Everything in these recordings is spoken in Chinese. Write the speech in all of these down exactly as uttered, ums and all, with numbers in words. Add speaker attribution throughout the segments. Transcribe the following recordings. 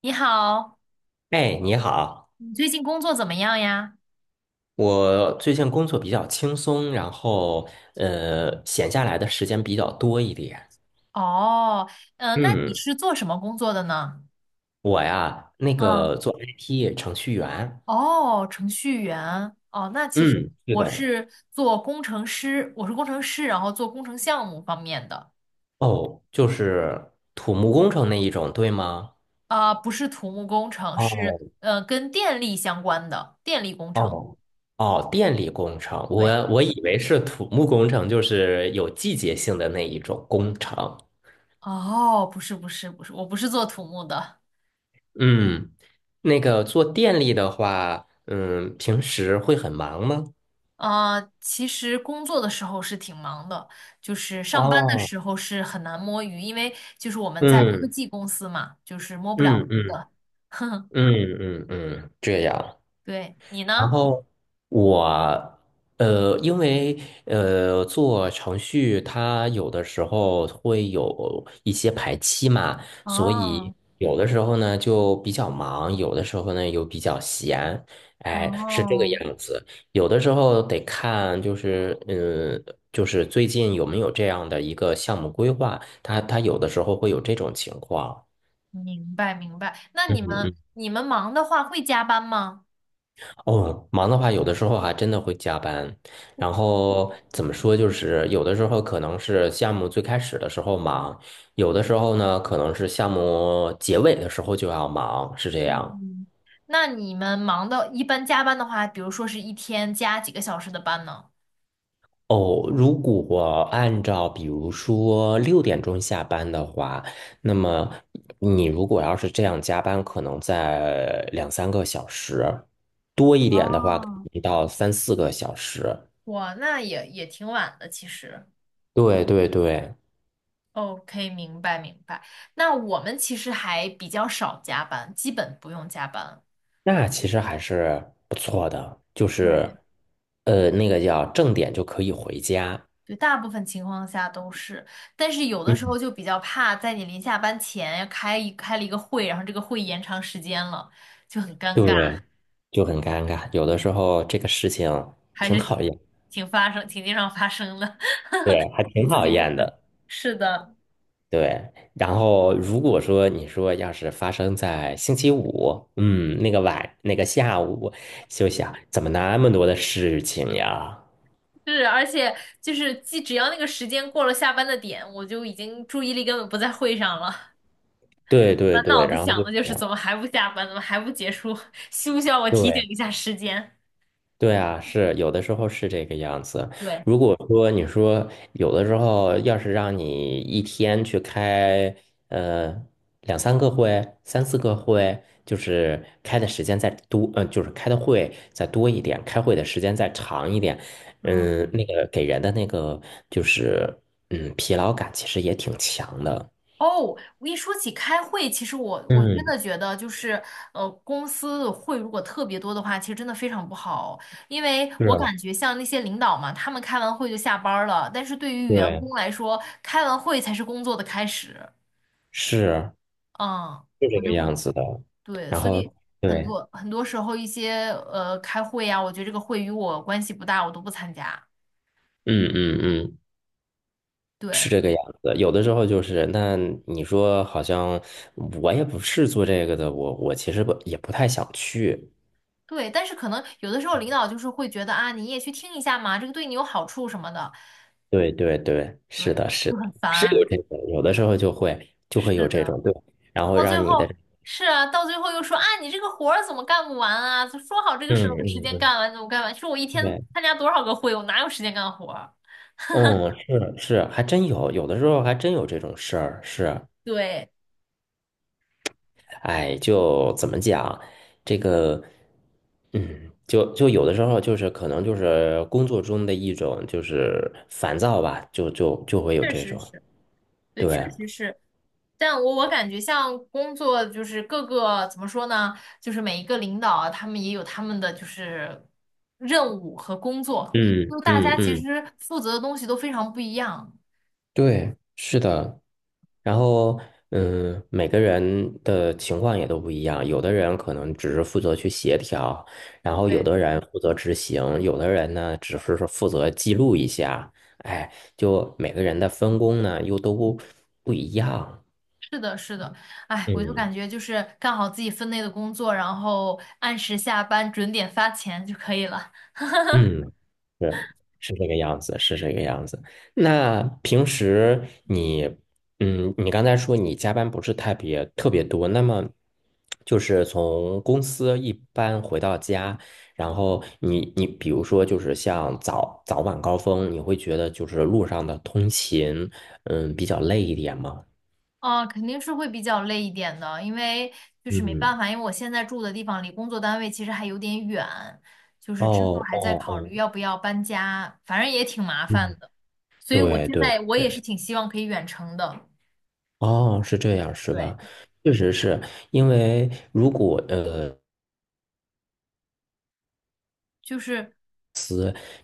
Speaker 1: 你好，
Speaker 2: 哎，你好。
Speaker 1: 你最近工作怎么样呀？
Speaker 2: 我最近工作比较轻松，然后呃，闲下来的时间比较多一点。
Speaker 1: 哦，呃，那你
Speaker 2: 嗯，
Speaker 1: 是做什么工作的呢？
Speaker 2: 我呀，那
Speaker 1: 嗯，
Speaker 2: 个做 I T 程序员。
Speaker 1: 哦，程序员。哦，那其实
Speaker 2: 嗯，是
Speaker 1: 我
Speaker 2: 的。
Speaker 1: 是做工程师，我是工程师，然后做工程项目方面的，
Speaker 2: 哦，就是土木工程那一种，对吗？
Speaker 1: 啊、不是土木工程，是
Speaker 2: 哦
Speaker 1: 呃跟电力相关的电力工程。
Speaker 2: 哦哦，电力工程，我
Speaker 1: 对，
Speaker 2: 我以为是土木工程，就是有季节性的那一种工程。
Speaker 1: 哦，不是不是不是，我不是做土木的。
Speaker 2: 嗯，那个做电力的话，嗯，平时会很忙吗？
Speaker 1: 呃，其实工作的时候是挺忙的，就是上班的
Speaker 2: 哦，
Speaker 1: 时候是很难摸鱼，因为就是我们在科
Speaker 2: 嗯
Speaker 1: 技公司嘛，就是摸不了
Speaker 2: 嗯
Speaker 1: 鱼
Speaker 2: 嗯
Speaker 1: 的。
Speaker 2: 嗯嗯嗯，这样。
Speaker 1: 对，你
Speaker 2: 然
Speaker 1: 呢？
Speaker 2: 后我呃，因为呃做程序，它有的时候会有一些排期嘛，所以
Speaker 1: 哦
Speaker 2: 有的时候呢就比较忙，有的时候呢又比较闲，哎，是这个
Speaker 1: 哦，
Speaker 2: 样子。有的时候得看，就是嗯，就是最近有没有这样的一个项目规划，它它有的时候会有这种情况。
Speaker 1: 明白明白。那你们
Speaker 2: 嗯
Speaker 1: 你们忙的话会加班吗？
Speaker 2: 哦，忙的话，有的时候还真的会加班。然后怎么说，就是有的时候可能是项目最开始的时候忙，有的时候呢，可能是项目结尾的时候就要忙，是这样。
Speaker 1: 嗯，那你们忙的，一般加班的话，比如说是一天加几个小时的班呢？
Speaker 2: 哦，如果按照比如说六点钟下班的话，那么你如果要是这样加班，可能在两三个小时，多一点的话，
Speaker 1: 哦，
Speaker 2: 一到三四个小时。
Speaker 1: 哇，那也也挺晚的，其实。
Speaker 2: 对对对。
Speaker 1: OK，明白明白。那我们其实还比较少加班，基本不用加班。
Speaker 2: 那其实还是不错的，就
Speaker 1: 对
Speaker 2: 是，呃，那个叫正点就可以回家。
Speaker 1: 对，大部分情况下都是，但是有的时候
Speaker 2: 嗯，
Speaker 1: 就比较怕，在你临下班前开一开了一个会，然后这个会延长时间了，就很尴尬，
Speaker 2: 对，就很尴尬，有的时候这个事情
Speaker 1: 还
Speaker 2: 挺
Speaker 1: 是
Speaker 2: 讨
Speaker 1: 挺
Speaker 2: 厌，
Speaker 1: 挺发生，挺经常发生的。
Speaker 2: 对，还
Speaker 1: 我
Speaker 2: 挺
Speaker 1: 自
Speaker 2: 讨
Speaker 1: 己就
Speaker 2: 厌
Speaker 1: 发，
Speaker 2: 的，
Speaker 1: 是的，
Speaker 2: 对。然后如果说你说要是发生在星期五，嗯，那个晚那个下午，就想怎么那么多的事情呀？
Speaker 1: 是，而且就是，既只要那个时间过了下班的点，我就已经注意力根本不在会上了。
Speaker 2: 对对
Speaker 1: 满脑
Speaker 2: 对，
Speaker 1: 子
Speaker 2: 然后
Speaker 1: 想
Speaker 2: 就
Speaker 1: 的就是
Speaker 2: 想，
Speaker 1: 怎么还不下班，怎么还不结束？需不需要我提醒
Speaker 2: 对。
Speaker 1: 一下时间？
Speaker 2: 对啊，是有的时候是这个样子。
Speaker 1: 对，
Speaker 2: 如果说你说有的时候要是让你一天去开呃两三个会、三四个会，就是开的时间再多，嗯、就是开的会再多一点，开会的时间再长一点，
Speaker 1: 嗯，
Speaker 2: 嗯，那个给人的那个就是嗯疲劳感其实也挺强的。
Speaker 1: 哦，我一说起开会，其实我我真
Speaker 2: 嗯，
Speaker 1: 的觉得就是，呃，公司的会如果特别多的话，其实真的非常不好，因为
Speaker 2: 是
Speaker 1: 我
Speaker 2: 啊，
Speaker 1: 感觉像那些领导嘛，他们开完会就下班儿了，但是对于员
Speaker 2: 对，
Speaker 1: 工来说，开完会才是工作的开始。
Speaker 2: 是，
Speaker 1: 嗯，
Speaker 2: 是这
Speaker 1: 我
Speaker 2: 个
Speaker 1: 就会，
Speaker 2: 样子的。
Speaker 1: 对，
Speaker 2: 然
Speaker 1: 所
Speaker 2: 后
Speaker 1: 以。很
Speaker 2: 对，
Speaker 1: 多很多时候，一些呃开会呀、我觉得这个会与我关系不大，我都不参加。
Speaker 2: 嗯嗯嗯。是
Speaker 1: 对，
Speaker 2: 这个样子，有的时候就是，那你说好像我也不是做这个的，我我其实不也不太想去。
Speaker 1: 对，但是可能有的时候领导就是会觉得啊，你也去听一下嘛，这个对你有好处什么的，
Speaker 2: 对对对，是
Speaker 1: 对，
Speaker 2: 的，是
Speaker 1: 就
Speaker 2: 的，
Speaker 1: 很
Speaker 2: 是有
Speaker 1: 烦。
Speaker 2: 这种，有的时候就会就会有
Speaker 1: 是
Speaker 2: 这
Speaker 1: 的，
Speaker 2: 种，对，然后
Speaker 1: 到最
Speaker 2: 让你的，
Speaker 1: 后是啊，到最后又说啊，你这个活儿怎么干不完啊？就说好这个时候时
Speaker 2: 嗯
Speaker 1: 间
Speaker 2: 嗯
Speaker 1: 干完怎么干完？说我一
Speaker 2: 嗯，
Speaker 1: 天
Speaker 2: 对，
Speaker 1: 参加多少个会，我哪有时间干活儿
Speaker 2: 嗯，是，是，还真有，有的时候还真有这种事儿，是，
Speaker 1: 对，
Speaker 2: 哎，就怎么讲，这个，嗯，就就有的时候就是可能就是工作中的一种就是烦躁吧，就就就会有
Speaker 1: 确
Speaker 2: 这
Speaker 1: 实
Speaker 2: 种，
Speaker 1: 是。对，确
Speaker 2: 对，
Speaker 1: 实是，但我我感觉像工作就是各个怎么说呢，就是每一个领导啊他们也有他们的就是任务和工作，
Speaker 2: 嗯
Speaker 1: 就大
Speaker 2: 嗯
Speaker 1: 家其
Speaker 2: 嗯，
Speaker 1: 实负责的东西都非常不一样。
Speaker 2: 对，是的。然后，嗯，每个人的情况也都不一样，有的人可能只是负责去协调，然后有
Speaker 1: 对，
Speaker 2: 的人负责执行，有的人呢只是说负责记录一下，哎，就每个人的分工呢又都不不一样。
Speaker 1: 是的，是的，哎，我就
Speaker 2: 嗯
Speaker 1: 感觉就是干好自己分内的工作，然后按时下班，准点发钱就可以了。
Speaker 2: 嗯，是，是这个样子，是这个样子。那平时你，嗯，你刚才说你加班不是特别特别多，那么就是从公司一般回到家，然后你你比如说就是像早早晚高峰，你会觉得就是路上的通勤，嗯，比较累一点吗？
Speaker 1: 啊，肯定是会比较累一点的，因为就是没办
Speaker 2: 嗯，
Speaker 1: 法，因为我现在住的地方离工作单位其实还有点远，就是之后
Speaker 2: 哦
Speaker 1: 还在
Speaker 2: 哦
Speaker 1: 考
Speaker 2: 哦，
Speaker 1: 虑要不要搬家，反正也挺麻
Speaker 2: 嗯，
Speaker 1: 烦的，所以我
Speaker 2: 对
Speaker 1: 现
Speaker 2: 对。对
Speaker 1: 在我也是挺希望可以远程的。
Speaker 2: 哦，是这样是
Speaker 1: 对，
Speaker 2: 吧？确实是。因为如果呃
Speaker 1: 就是，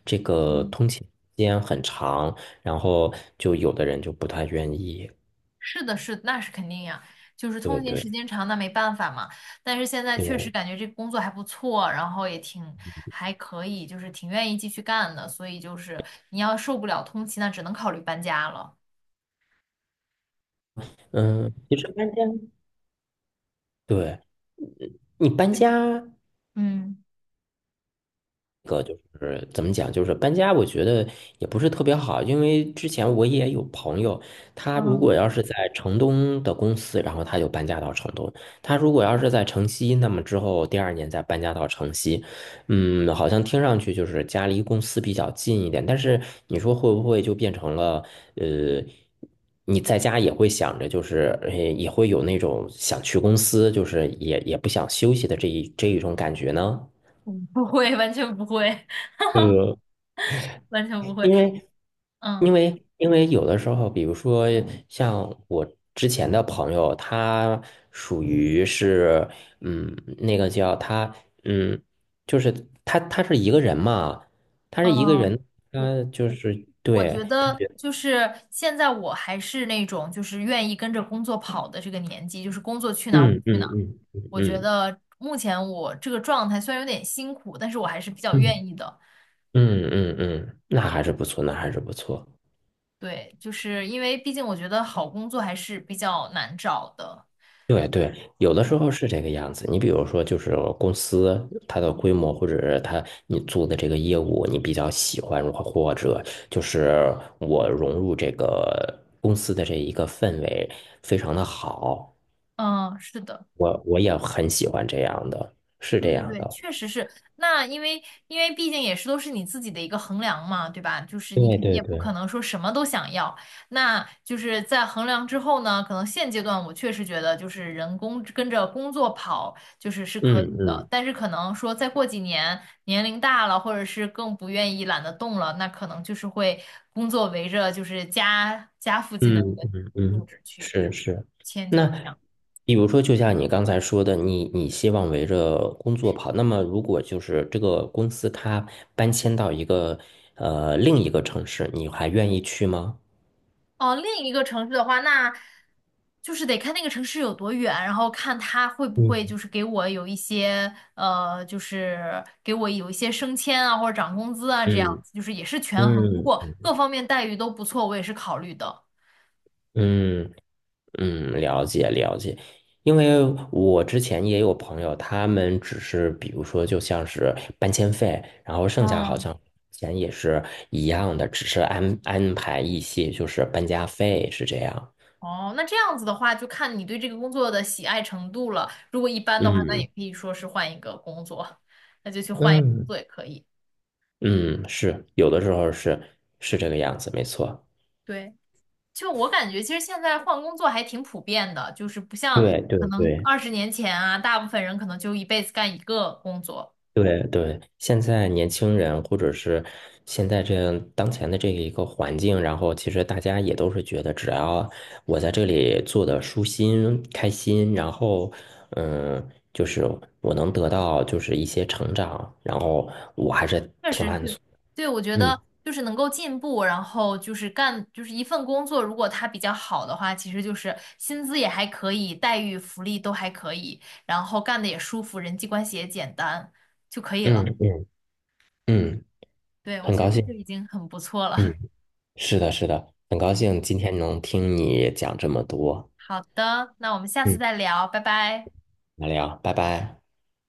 Speaker 2: 这个
Speaker 1: 嗯，
Speaker 2: 通勤时间很长，然后就有的人就不太愿意。
Speaker 1: 是的，是的，那是肯定呀，就是
Speaker 2: 对
Speaker 1: 通勤
Speaker 2: 对
Speaker 1: 时间长，那没办法嘛。但是现在确实
Speaker 2: 对，
Speaker 1: 感觉这个工作还不错，然后也挺还可以，就是挺愿意继续干的，所以就是你要受不了通勤，那只能考虑搬家了。
Speaker 2: 嗯，其实搬家，对你搬家，
Speaker 1: 嗯
Speaker 2: 个就是怎么讲，就是搬家，我觉得也不是特别好，因为之前我也有朋友，他如
Speaker 1: 嗯
Speaker 2: 果要是在城东的公司，然后他就搬家到城东；他如果要是在城西，那么之后第二年再搬家到城西。嗯，好像听上去就是家离公司比较近一点，但是你说会不会就变成了呃？你在家也会想着，就是呃也会有那种想去公司，就是也也不想休息的这一这一种感觉呢？
Speaker 1: 我不会，完全不会，完全不会。
Speaker 2: 因为因
Speaker 1: 嗯。
Speaker 2: 为因为有的时候，比如说像我之前的朋友，他属于是，嗯，那个叫他，嗯，就是他他是一个人嘛，他是一个
Speaker 1: 嗯
Speaker 2: 人，
Speaker 1: 我
Speaker 2: 他就是
Speaker 1: 我
Speaker 2: 对，
Speaker 1: 觉
Speaker 2: 他
Speaker 1: 得
Speaker 2: 觉得，
Speaker 1: 就是现在我还是那种就是愿意跟着工作跑的这个年纪，就是工作去哪儿我
Speaker 2: 嗯
Speaker 1: 去
Speaker 2: 嗯
Speaker 1: 哪儿。
Speaker 2: 嗯
Speaker 1: 我觉
Speaker 2: 嗯
Speaker 1: 得目前我这个状态虽然有点辛苦，但是我还是比较
Speaker 2: 嗯
Speaker 1: 愿意的。
Speaker 2: 嗯嗯嗯，嗯那还是不错，那还是不错。
Speaker 1: 对，就是因为毕竟我觉得好工作还是比较难找的。
Speaker 2: 对对，有的时候是这个样子。你比如说，就是公司它的规模，或者是它你做的这个业务，你比较喜欢，或或者就是我融入这个公司的这一个氛围非常的好，
Speaker 1: 嗯，是的。
Speaker 2: 我我也很喜欢这样的，是
Speaker 1: 对
Speaker 2: 这
Speaker 1: 对
Speaker 2: 样
Speaker 1: 对，
Speaker 2: 的。
Speaker 1: 确实是。那因为因为毕竟也是都是你自己的一个衡量嘛，对吧？就是你
Speaker 2: 对
Speaker 1: 肯定也
Speaker 2: 对
Speaker 1: 不可
Speaker 2: 对，
Speaker 1: 能说什么都想要。那就是在衡量之后呢，可能现阶段我确实觉得就是人工跟着工作跑就是是可
Speaker 2: 嗯
Speaker 1: 以的，
Speaker 2: 嗯。
Speaker 1: 但是可能说再过几年年龄大了，或者是更不愿意懒得动了，那可能就是会工作围着就是家家附近的
Speaker 2: 嗯
Speaker 1: 那个
Speaker 2: 嗯
Speaker 1: 住
Speaker 2: 嗯，
Speaker 1: 址去
Speaker 2: 是，是。
Speaker 1: 迁就这
Speaker 2: 那
Speaker 1: 样。
Speaker 2: 比如说，就像你刚才说的，你你希望围着工作跑。那么，如果就是这个公司它搬迁到一个呃另一个城市，你还愿意去吗？
Speaker 1: 哦，另一个城市的话，那就是得看那个城市有多远，然后看他会不会
Speaker 2: 嗯
Speaker 1: 就是给我有一些呃，就是给我有一些升迁啊，或者涨工资啊，这样
Speaker 2: 嗯
Speaker 1: 子，就是也是权衡。如
Speaker 2: 嗯
Speaker 1: 果各方面待遇都不错，我也是考虑的。
Speaker 2: 嗯，嗯，了解了解。因为我之前也有朋友，他们只是比如说就像是搬迁费，然后剩下好
Speaker 1: 嗯，
Speaker 2: 像钱也是一样的，只是安安排一些就是搬家费是这样。
Speaker 1: 哦，那这样子的话，就看你对这个工作的喜爱程度了。如果一般的话，那也
Speaker 2: 嗯
Speaker 1: 可以说是换一个工作，那就去换一个工
Speaker 2: 嗯
Speaker 1: 作也可以。
Speaker 2: 嗯，是有的时候是，是这个样子，没错。
Speaker 1: 对。就我感觉，其实现在换工作还挺普遍的，就是不像
Speaker 2: 对对
Speaker 1: 可能
Speaker 2: 对。
Speaker 1: 二十年前啊，大部分人可能就一辈子干一个工作。
Speaker 2: 对对，现在年轻人或者是现在这样当前的这一个环境，然后其实大家也都是觉得，只要我在这里做的舒心、开心，然后嗯，就是我能得到就是一些成长，然后我还是，
Speaker 1: 确实是，对，我觉
Speaker 2: 嗯
Speaker 1: 得就是能够进步，然后就是干就是一份工作，如果它比较好的话，其实就是薪资也还可以，待遇、福利都还可以，然后干的也舒服，人际关系也简单就可以
Speaker 2: 嗯
Speaker 1: 了。
Speaker 2: 嗯嗯，
Speaker 1: 对，我
Speaker 2: 很
Speaker 1: 觉得
Speaker 2: 高
Speaker 1: 这
Speaker 2: 兴，
Speaker 1: 就已经很不错
Speaker 2: 嗯，
Speaker 1: 了。
Speaker 2: 是的，是的，很高
Speaker 1: 嗯，
Speaker 2: 兴今天能听你讲这么多。
Speaker 1: 好的，那我们下次
Speaker 2: 嗯，
Speaker 1: 再聊，拜拜。
Speaker 2: 聊聊，拜拜。